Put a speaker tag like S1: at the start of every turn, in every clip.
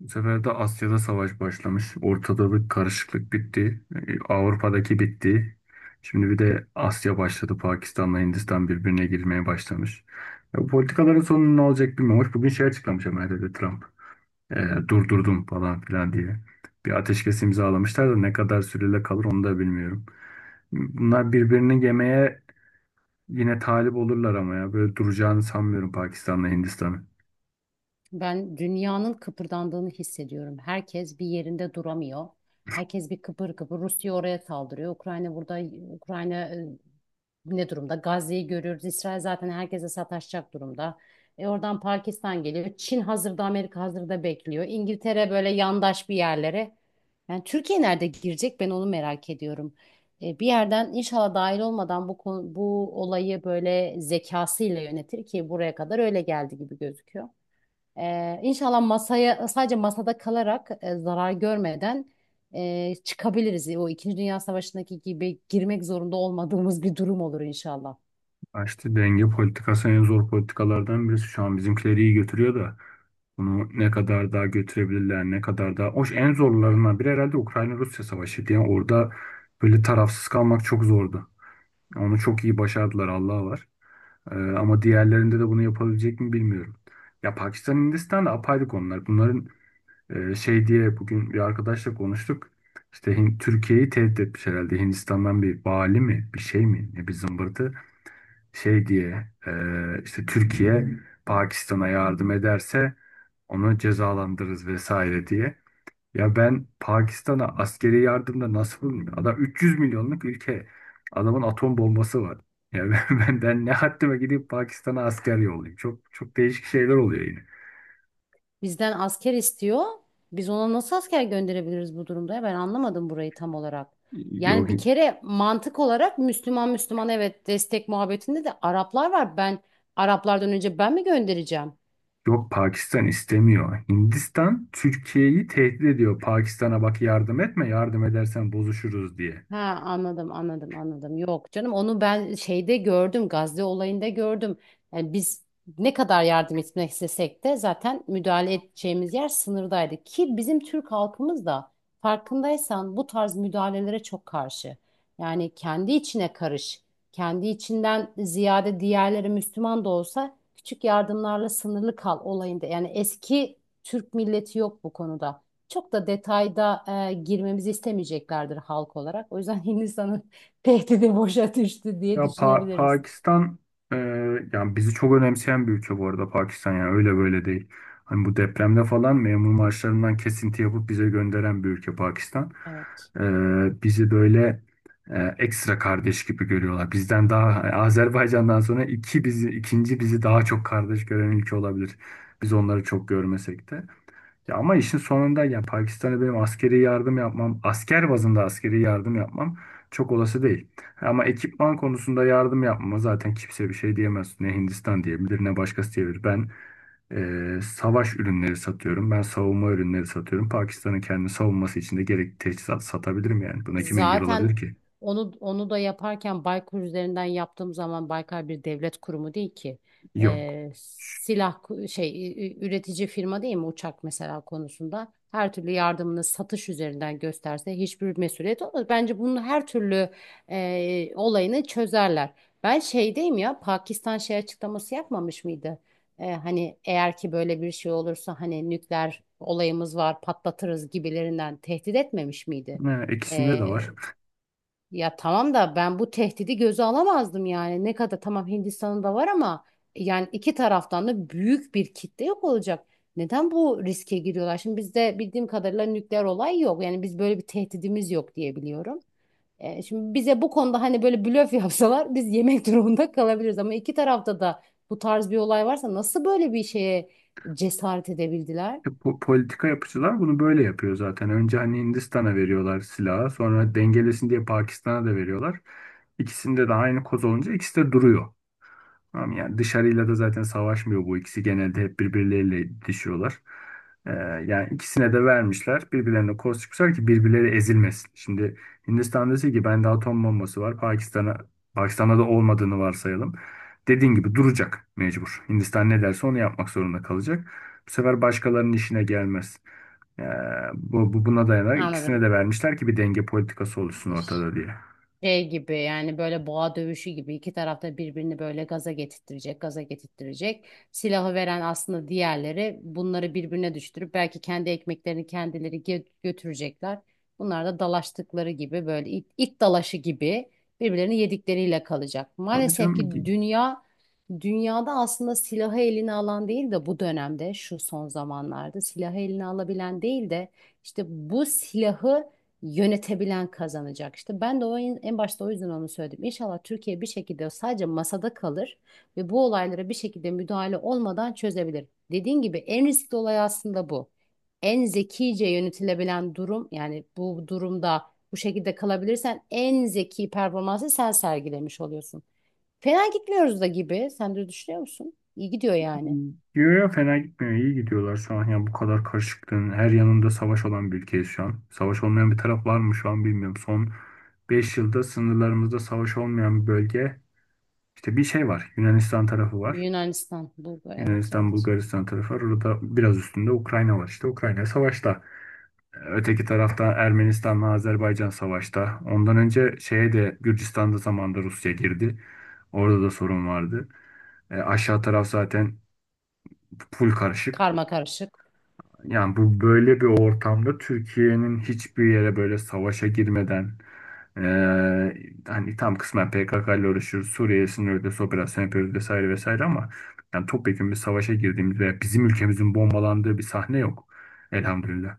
S1: Bu sefer de Asya'da savaş başlamış. Ortada bir karışıklık bitti. Avrupa'daki bitti. Şimdi bir de Asya başladı. Pakistan'la Hindistan birbirine girmeye başlamış. Ya bu politikaların sonu ne olacak bilmiyorum. Hoş, bugün şey açıklamış Amerika'da Trump. E, durdurdum falan filan diye. Bir ateşkes imzalamışlar da ne kadar süreyle kalır onu da bilmiyorum. Bunlar birbirini yemeye yine talip olurlar ama ya. Böyle duracağını sanmıyorum Pakistan'la Hindistan'ı.
S2: Ben dünyanın kıpırdandığını hissediyorum. Herkes bir yerinde duramıyor. Herkes bir kıpır kıpır. Rusya oraya saldırıyor. Ukrayna burada, Ukrayna ne durumda? Gazze'yi görüyoruz. İsrail zaten herkese sataşacak durumda. E oradan Pakistan geliyor. Çin hazırda, Amerika hazırda bekliyor. İngiltere böyle yandaş bir yerlere. Yani Türkiye nerede girecek? Ben onu merak ediyorum. E, bir yerden inşallah dahil olmadan bu konu, bu olayı böyle zekasıyla yönetir ki buraya kadar öyle geldi gibi gözüküyor. İnşallah masaya sadece masada kalarak zarar görmeden çıkabiliriz. O İkinci Dünya Savaşı'ndaki gibi girmek zorunda olmadığımız bir durum olur inşallah.
S1: Ha, İşte denge politikası en zor politikalardan birisi. Şu an bizimkileri iyi götürüyor da bunu ne kadar daha götürebilirler, ne kadar daha... Hoş, en zorlarından biri herhalde Ukrayna-Rusya savaşıydı. Yani orada böyle tarafsız kalmak çok zordu. Onu çok iyi başardılar, Allah'a var. Ama diğerlerinde de bunu yapabilecek mi bilmiyorum. Ya Pakistan, Hindistan da apayrı konular. Bunların şey diye bugün bir arkadaşla konuştuk. İşte Türkiye'yi tehdit etmiş herhalde. Hindistan'dan bir vali mi, bir şey mi, ne bir zımbırtı şey diye işte Türkiye Pakistan'a yardım ederse onu cezalandırırız vesaire diye. Ya ben Pakistan'a askeri yardımda nasıl bulunmuyor? Adam 300 milyonluk ülke. Adamın atom bombası var. Ya ben, ben ne haddime gidip Pakistan'a asker yollayayım. Çok çok değişik şeyler oluyor yine.
S2: Bizden asker istiyor. Biz ona nasıl asker gönderebiliriz bu durumda? Ya? Ben anlamadım burayı tam olarak.
S1: Yok,
S2: Yani bir kere mantık olarak Müslüman Müslüman, evet, destek muhabbetinde de Araplar var. Ben Araplardan önce ben mi göndereceğim?
S1: yok, Pakistan istemiyor. Hindistan Türkiye'yi tehdit ediyor. Pakistan'a bak, yardım etme, yardım edersen bozuşuruz diye.
S2: Ha, anladım, anladım, anladım. Yok canım, onu ben şeyde gördüm, Gazze olayında gördüm. Yani biz ne kadar yardım etmek istesek de zaten müdahale edeceğimiz yer sınırdaydı. Ki bizim Türk halkımız da farkındaysan bu tarz müdahalelere çok karşı. Yani kendi içine karış. Kendi içinden ziyade diğerleri Müslüman da olsa küçük yardımlarla sınırlı kal olayında. Yani eski Türk milleti yok bu konuda çok da detayda girmemizi istemeyeceklerdir halk olarak. O yüzden Hindistan'ın tehdidi boşa düştü diye
S1: Ya
S2: düşünebiliriz.
S1: Pakistan e, yani bizi çok önemseyen bir ülke bu arada Pakistan, yani öyle böyle değil. Hani bu depremde falan memur maaşlarından kesinti yapıp bize gönderen bir ülke Pakistan.
S2: Evet.
S1: E, bizi böyle ekstra kardeş gibi görüyorlar. Bizden daha, yani Azerbaycan'dan sonra iki bizi ikinci bizi daha çok kardeş gören ülke olabilir. Biz onları çok görmesek de. Ya ama işin sonunda ya Pakistan'a benim askeri yardım yapmam, asker bazında askeri yardım yapmam çok olası değil. Ama ekipman konusunda yardım yapmama zaten kimse bir şey diyemez. Ne Hindistan diyebilir ne başkası diyebilir. Ben savaş ürünleri satıyorum. Ben savunma ürünleri satıyorum. Pakistan'ın kendi savunması için de gerekli teçhizat satabilirim yani. Buna kim engel
S2: Zaten
S1: olabilir ki?
S2: onu da yaparken Baykar üzerinden yaptığım zaman Baykar bir devlet kurumu değil ki.
S1: Yok. Ş-
S2: Silah üretici firma değil mi uçak mesela konusunda? Her türlü yardımını satış üzerinden gösterse hiçbir mesuliyet olmaz. Bence bunun her türlü olayını çözerler. Ben şeydeyim, ya Pakistan şey açıklaması yapmamış mıydı? Hani eğer ki böyle bir şey olursa hani nükleer olayımız var patlatırız gibilerinden tehdit etmemiş miydi?
S1: Ha, ikisinde de
S2: Ee,
S1: var.
S2: Ya tamam da ben bu tehdidi göze alamazdım yani. Ne kadar tamam Hindistan'ın da var ama yani iki taraftan da büyük bir kitle yok olacak. Neden bu riske giriyorlar? Şimdi bizde bildiğim kadarıyla nükleer olay yok. Yani biz böyle bir tehdidimiz yok diye biliyorum. Şimdi bize bu konuda hani böyle blöf yapsalar biz yemek durumunda kalabiliriz. Ama iki tarafta da bu tarz bir olay varsa nasıl böyle bir şeye cesaret edebildiler?
S1: Politika yapıcılar bunu böyle yapıyor zaten. Önce hani Hindistan'a veriyorlar silahı, sonra dengelesin diye Pakistan'a da veriyorlar. İkisinde de aynı koz olunca ikisi de duruyor. Tamam, yani dışarıyla da zaten savaşmıyor bu ikisi. Genelde hep birbirleriyle itişiyorlar. Ee, yani ikisine de vermişler. Birbirlerine koz çıkmışlar ki birbirleri ezilmesin. Şimdi Hindistan dese ki bende atom bombası var. Pakistan'a Pakistan'da da olmadığını varsayalım. Dediğin gibi duracak mecbur. Hindistan ne derse onu yapmak zorunda kalacak. Bu sefer başkalarının işine gelmez. Ee, bu, bu buna dayanarak ikisine
S2: Anladım.
S1: de vermişler ki bir denge politikası oluşsun ortada diye.
S2: Şey gibi, yani böyle boğa dövüşü gibi iki tarafta birbirini böyle gaza getirttirecek, gaza getirttirecek. Silahı veren aslında diğerleri, bunları birbirine düşürüp belki kendi ekmeklerini kendileri götürecekler. Bunlar da dalaştıkları gibi böyle it, it dalaşı gibi birbirlerini yedikleriyle kalacak.
S1: Tabii
S2: Maalesef
S1: canım
S2: ki dünyada aslında silahı eline alan değil de, bu dönemde şu son zamanlarda silahı eline alabilen değil de işte bu silahı yönetebilen kazanacak işte. Ben de o en başta o yüzden onu söyledim. İnşallah Türkiye bir şekilde sadece masada kalır ve bu olaylara bir şekilde müdahale olmadan çözebilir. Dediğin gibi en riskli olay aslında bu. En zekice yönetilebilen durum, yani bu durumda bu şekilde kalabilirsen en zeki performansı sen sergilemiş oluyorsun. Fena gitmiyoruz da gibi. Sen de düşünüyor musun? İyi gidiyor yani.
S1: gidiyor ya, fena gitmiyor. İyi gidiyorlar şu an. Yani bu kadar karışıklığın her yanında savaş olan bir ülkeyiz şu an. Savaş olmayan bir taraf var mı şu an bilmiyorum. Son 5 yılda sınırlarımızda savaş olmayan bir bölge, İşte bir şey var. Yunanistan tarafı var.
S2: Yunanistan, Bulgar, evet,
S1: Yunanistan,
S2: evet.
S1: Bulgaristan tarafı var. Orada biraz üstünde Ukrayna var. İşte Ukrayna savaşta. Öteki tarafta Ermenistan'la Azerbaycan savaşta. Ondan önce şeye de Gürcistan'da zamanında Rusya girdi. Orada da sorun vardı. Aşağı taraf zaten full karışık.
S2: Karma karışık.
S1: Yani bu böyle bir ortamda Türkiye'nin hiçbir yere böyle savaşa girmeden, eee, hani tam kısmen PKK ile uğraşıyoruz. Suriye sınırında operasyon yapıyoruz vesaire vesaire ama yani topyekun bir savaşa girdiğimiz veya bizim ülkemizin bombalandığı bir sahne yok. Elhamdülillah.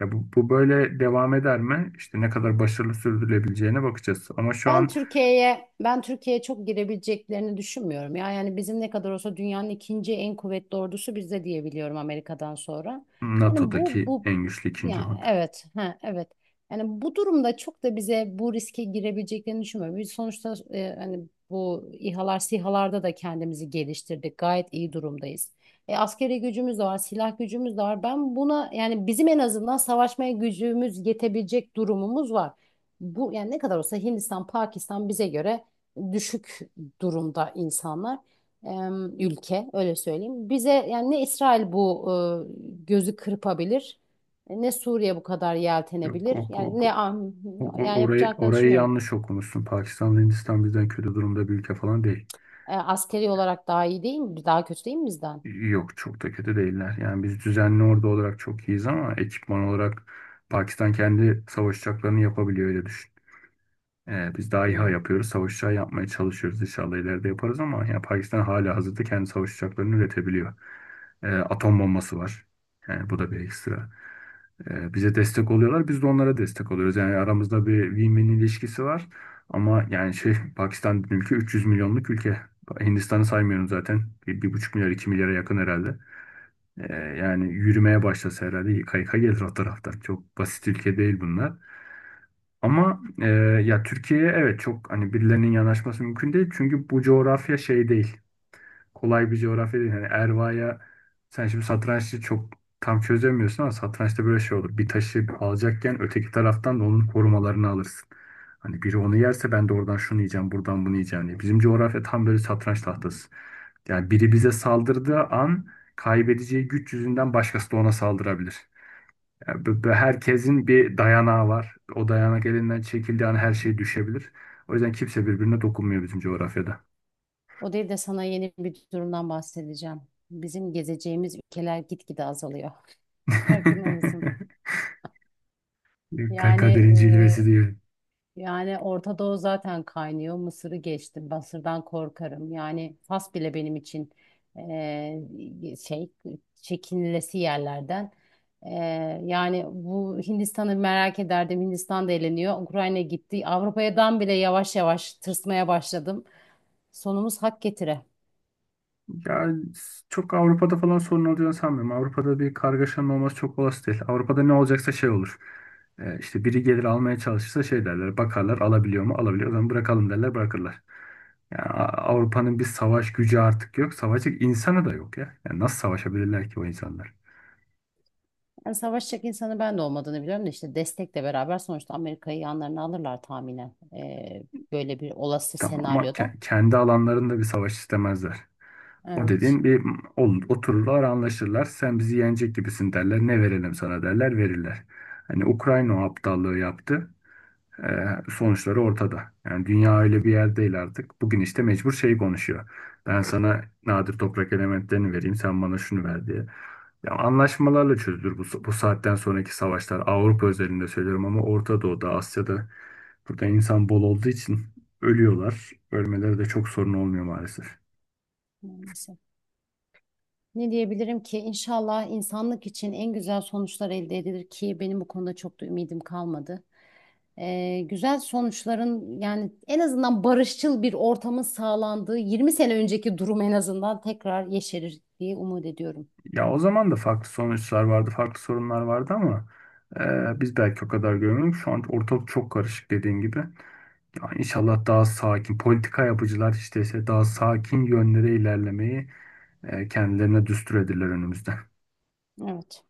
S1: Ya bu böyle devam eder mi? İşte ne kadar başarılı sürdürülebileceğine bakacağız. Ama şu
S2: Ben
S1: an
S2: Türkiye'ye ben Türkiye'ye çok girebileceklerini düşünmüyorum. Ya yani bizim ne kadar olsa dünyanın ikinci en kuvvetli ordusu bizde diye biliyorum, Amerika'dan sonra. Yani bu
S1: NATO'daki
S2: bu
S1: en güçlü ikinci
S2: ya,
S1: ordu.
S2: evet, ha, evet. Yani bu durumda çok da bize bu riske girebileceklerini düşünmüyorum. Biz sonuçta hani bu İHA'lar, SİHA'larda da kendimizi geliştirdik. Gayet iyi durumdayız. Askeri gücümüz de var, silah gücümüz de var. Ben buna, yani bizim en azından savaşmaya gücümüz yetebilecek durumumuz var, bu yani ne kadar olsa Hindistan, Pakistan bize göre düşük durumda insanlar. Ülke öyle söyleyeyim. Bize yani ne İsrail bu gözü kırpabilir, ne Suriye bu kadar
S1: Yok,
S2: yeltenebilir.
S1: ok,
S2: Yani
S1: ok.
S2: ne
S1: O- o-
S2: yani
S1: Orayı,
S2: yapacaklarını
S1: orayı
S2: düşünmüyorum.
S1: yanlış okumuşsun. Pakistan, Hindistan bizden kötü durumda bir ülke falan değil.
S2: Askeri olarak daha iyi değil mi? Daha kötü değil mi bizden?
S1: Yok çok da kötü değiller. Yani biz düzenli ordu olarak çok iyiyiz ama ekipman olarak Pakistan kendi savaş uçaklarını yapabiliyor, öyle düşün. Biz daha İHA
S2: Hmm.
S1: yapıyoruz. Savaş uçağı yapmaya çalışıyoruz. İnşallah ileride yaparız ama yani Pakistan hala hazırda kendi savaş uçaklarını üretebiliyor. Atom bombası var. Yani bu da bir ekstra. Bize destek oluyorlar. Biz de onlara destek oluyoruz. Yani aramızda bir win-win ilişkisi var. Ama yani şey Pakistan ülke 300 milyonluk ülke. Hindistan'ı saymıyorum zaten. Bir, 1,5 milyar, 2 milyara yakın herhalde. Yani yürümeye başlasa herhalde yıka yıka gelir o taraftan. Çok basit ülke değil bunlar. Ama ya Türkiye'ye evet çok hani birilerinin yanaşması mümkün değil. Çünkü bu coğrafya şey değil, kolay bir coğrafya değil. Hani Erva'ya sen şimdi satrançta çok tam çözemiyorsun ama satrançta böyle şey olur. Bir taşı alacakken öteki taraftan da onun korumalarını alırsın. Hani biri onu yerse ben de oradan şunu yiyeceğim, buradan bunu yiyeceğim diye. Bizim coğrafya tam böyle satranç tahtası. Yani biri bize saldırdığı an kaybedeceği güç yüzünden başkası da ona saldırabilir. Yani bu herkesin bir dayanağı var. O dayanak elinden çekildiği an her şey düşebilir. O yüzden kimse birbirine dokunmuyor bizim coğrafyada.
S2: O değil de sana yeni bir durumdan bahsedeceğim. Bizim gezeceğimiz ülkeler gitgide azalıyor. Farkında mısın? Yani
S1: Kaderin cilvesi diye.
S2: Orta Doğu zaten kaynıyor. Mısır'ı geçtim. Mısır'dan korkarım. Yani Fas bile benim için eee, şey çekinilesi yerlerden. Yani bu Hindistan'ı merak ederdim. Hindistan da eğleniyor, Ukrayna gitti. Avrupa'dan bile yavaş yavaş tırsmaya başladım. Sonumuz hak getire.
S1: Ya çok Avrupa'da falan sorun olacağını sanmıyorum. Avrupa'da bir kargaşanın olması çok olası değil. Avrupa'da ne olacaksa şey olur. İşte biri gelir almaya çalışırsa şey derler. Bakarlar alabiliyor mu? Alabiliyor. O zaman bırakalım derler, bırakırlar. Yani Avrupa'nın bir savaş gücü artık yok. Savaşacak insanı da yok ya. Yani nasıl savaşabilirler ki o insanlar?
S2: Yani savaşacak insanı ben de olmadığını biliyorum da işte destekle beraber sonuçta Amerika'yı yanlarına alırlar tahminen. Böyle bir olası
S1: Tamam ama
S2: senaryoda.
S1: kendi alanlarında bir savaş istemezler. O
S2: Evet.
S1: dediğin bir olur, otururlar anlaşırlar. Sen bizi yenecek gibisin derler. Ne verelim sana derler, verirler. Hani Ukrayna o aptallığı yaptı. Ee, sonuçları ortada. Yani dünya öyle bir yer değil artık. Bugün işte mecbur şey konuşuyor. Ben sana nadir toprak elementlerini vereyim, sen bana şunu ver diye. Ya anlaşmalarla çözülür bu saatten sonraki savaşlar. Avrupa özelinde söylüyorum ama Orta Doğu'da, Asya'da burada insan bol olduğu için ölüyorlar. Ölmeleri de çok sorun olmuyor maalesef.
S2: Maalesef. Ne diyebilirim ki inşallah insanlık için en güzel sonuçlar elde edilir ki benim bu konuda çok da ümidim kalmadı. Güzel sonuçların, yani en azından barışçıl bir ortamın sağlandığı 20 sene önceki durum en azından tekrar yeşerir diye umut ediyorum.
S1: Ya o zaman da farklı sonuçlar vardı, farklı sorunlar vardı ama biz belki o kadar görmüyoruz. Şu an ortalık çok karışık dediğin gibi. Yani inşallah daha sakin, politika yapıcılar işte ise daha sakin yönlere ilerlemeyi kendilerine düstur edirler önümüzde.
S2: Evet.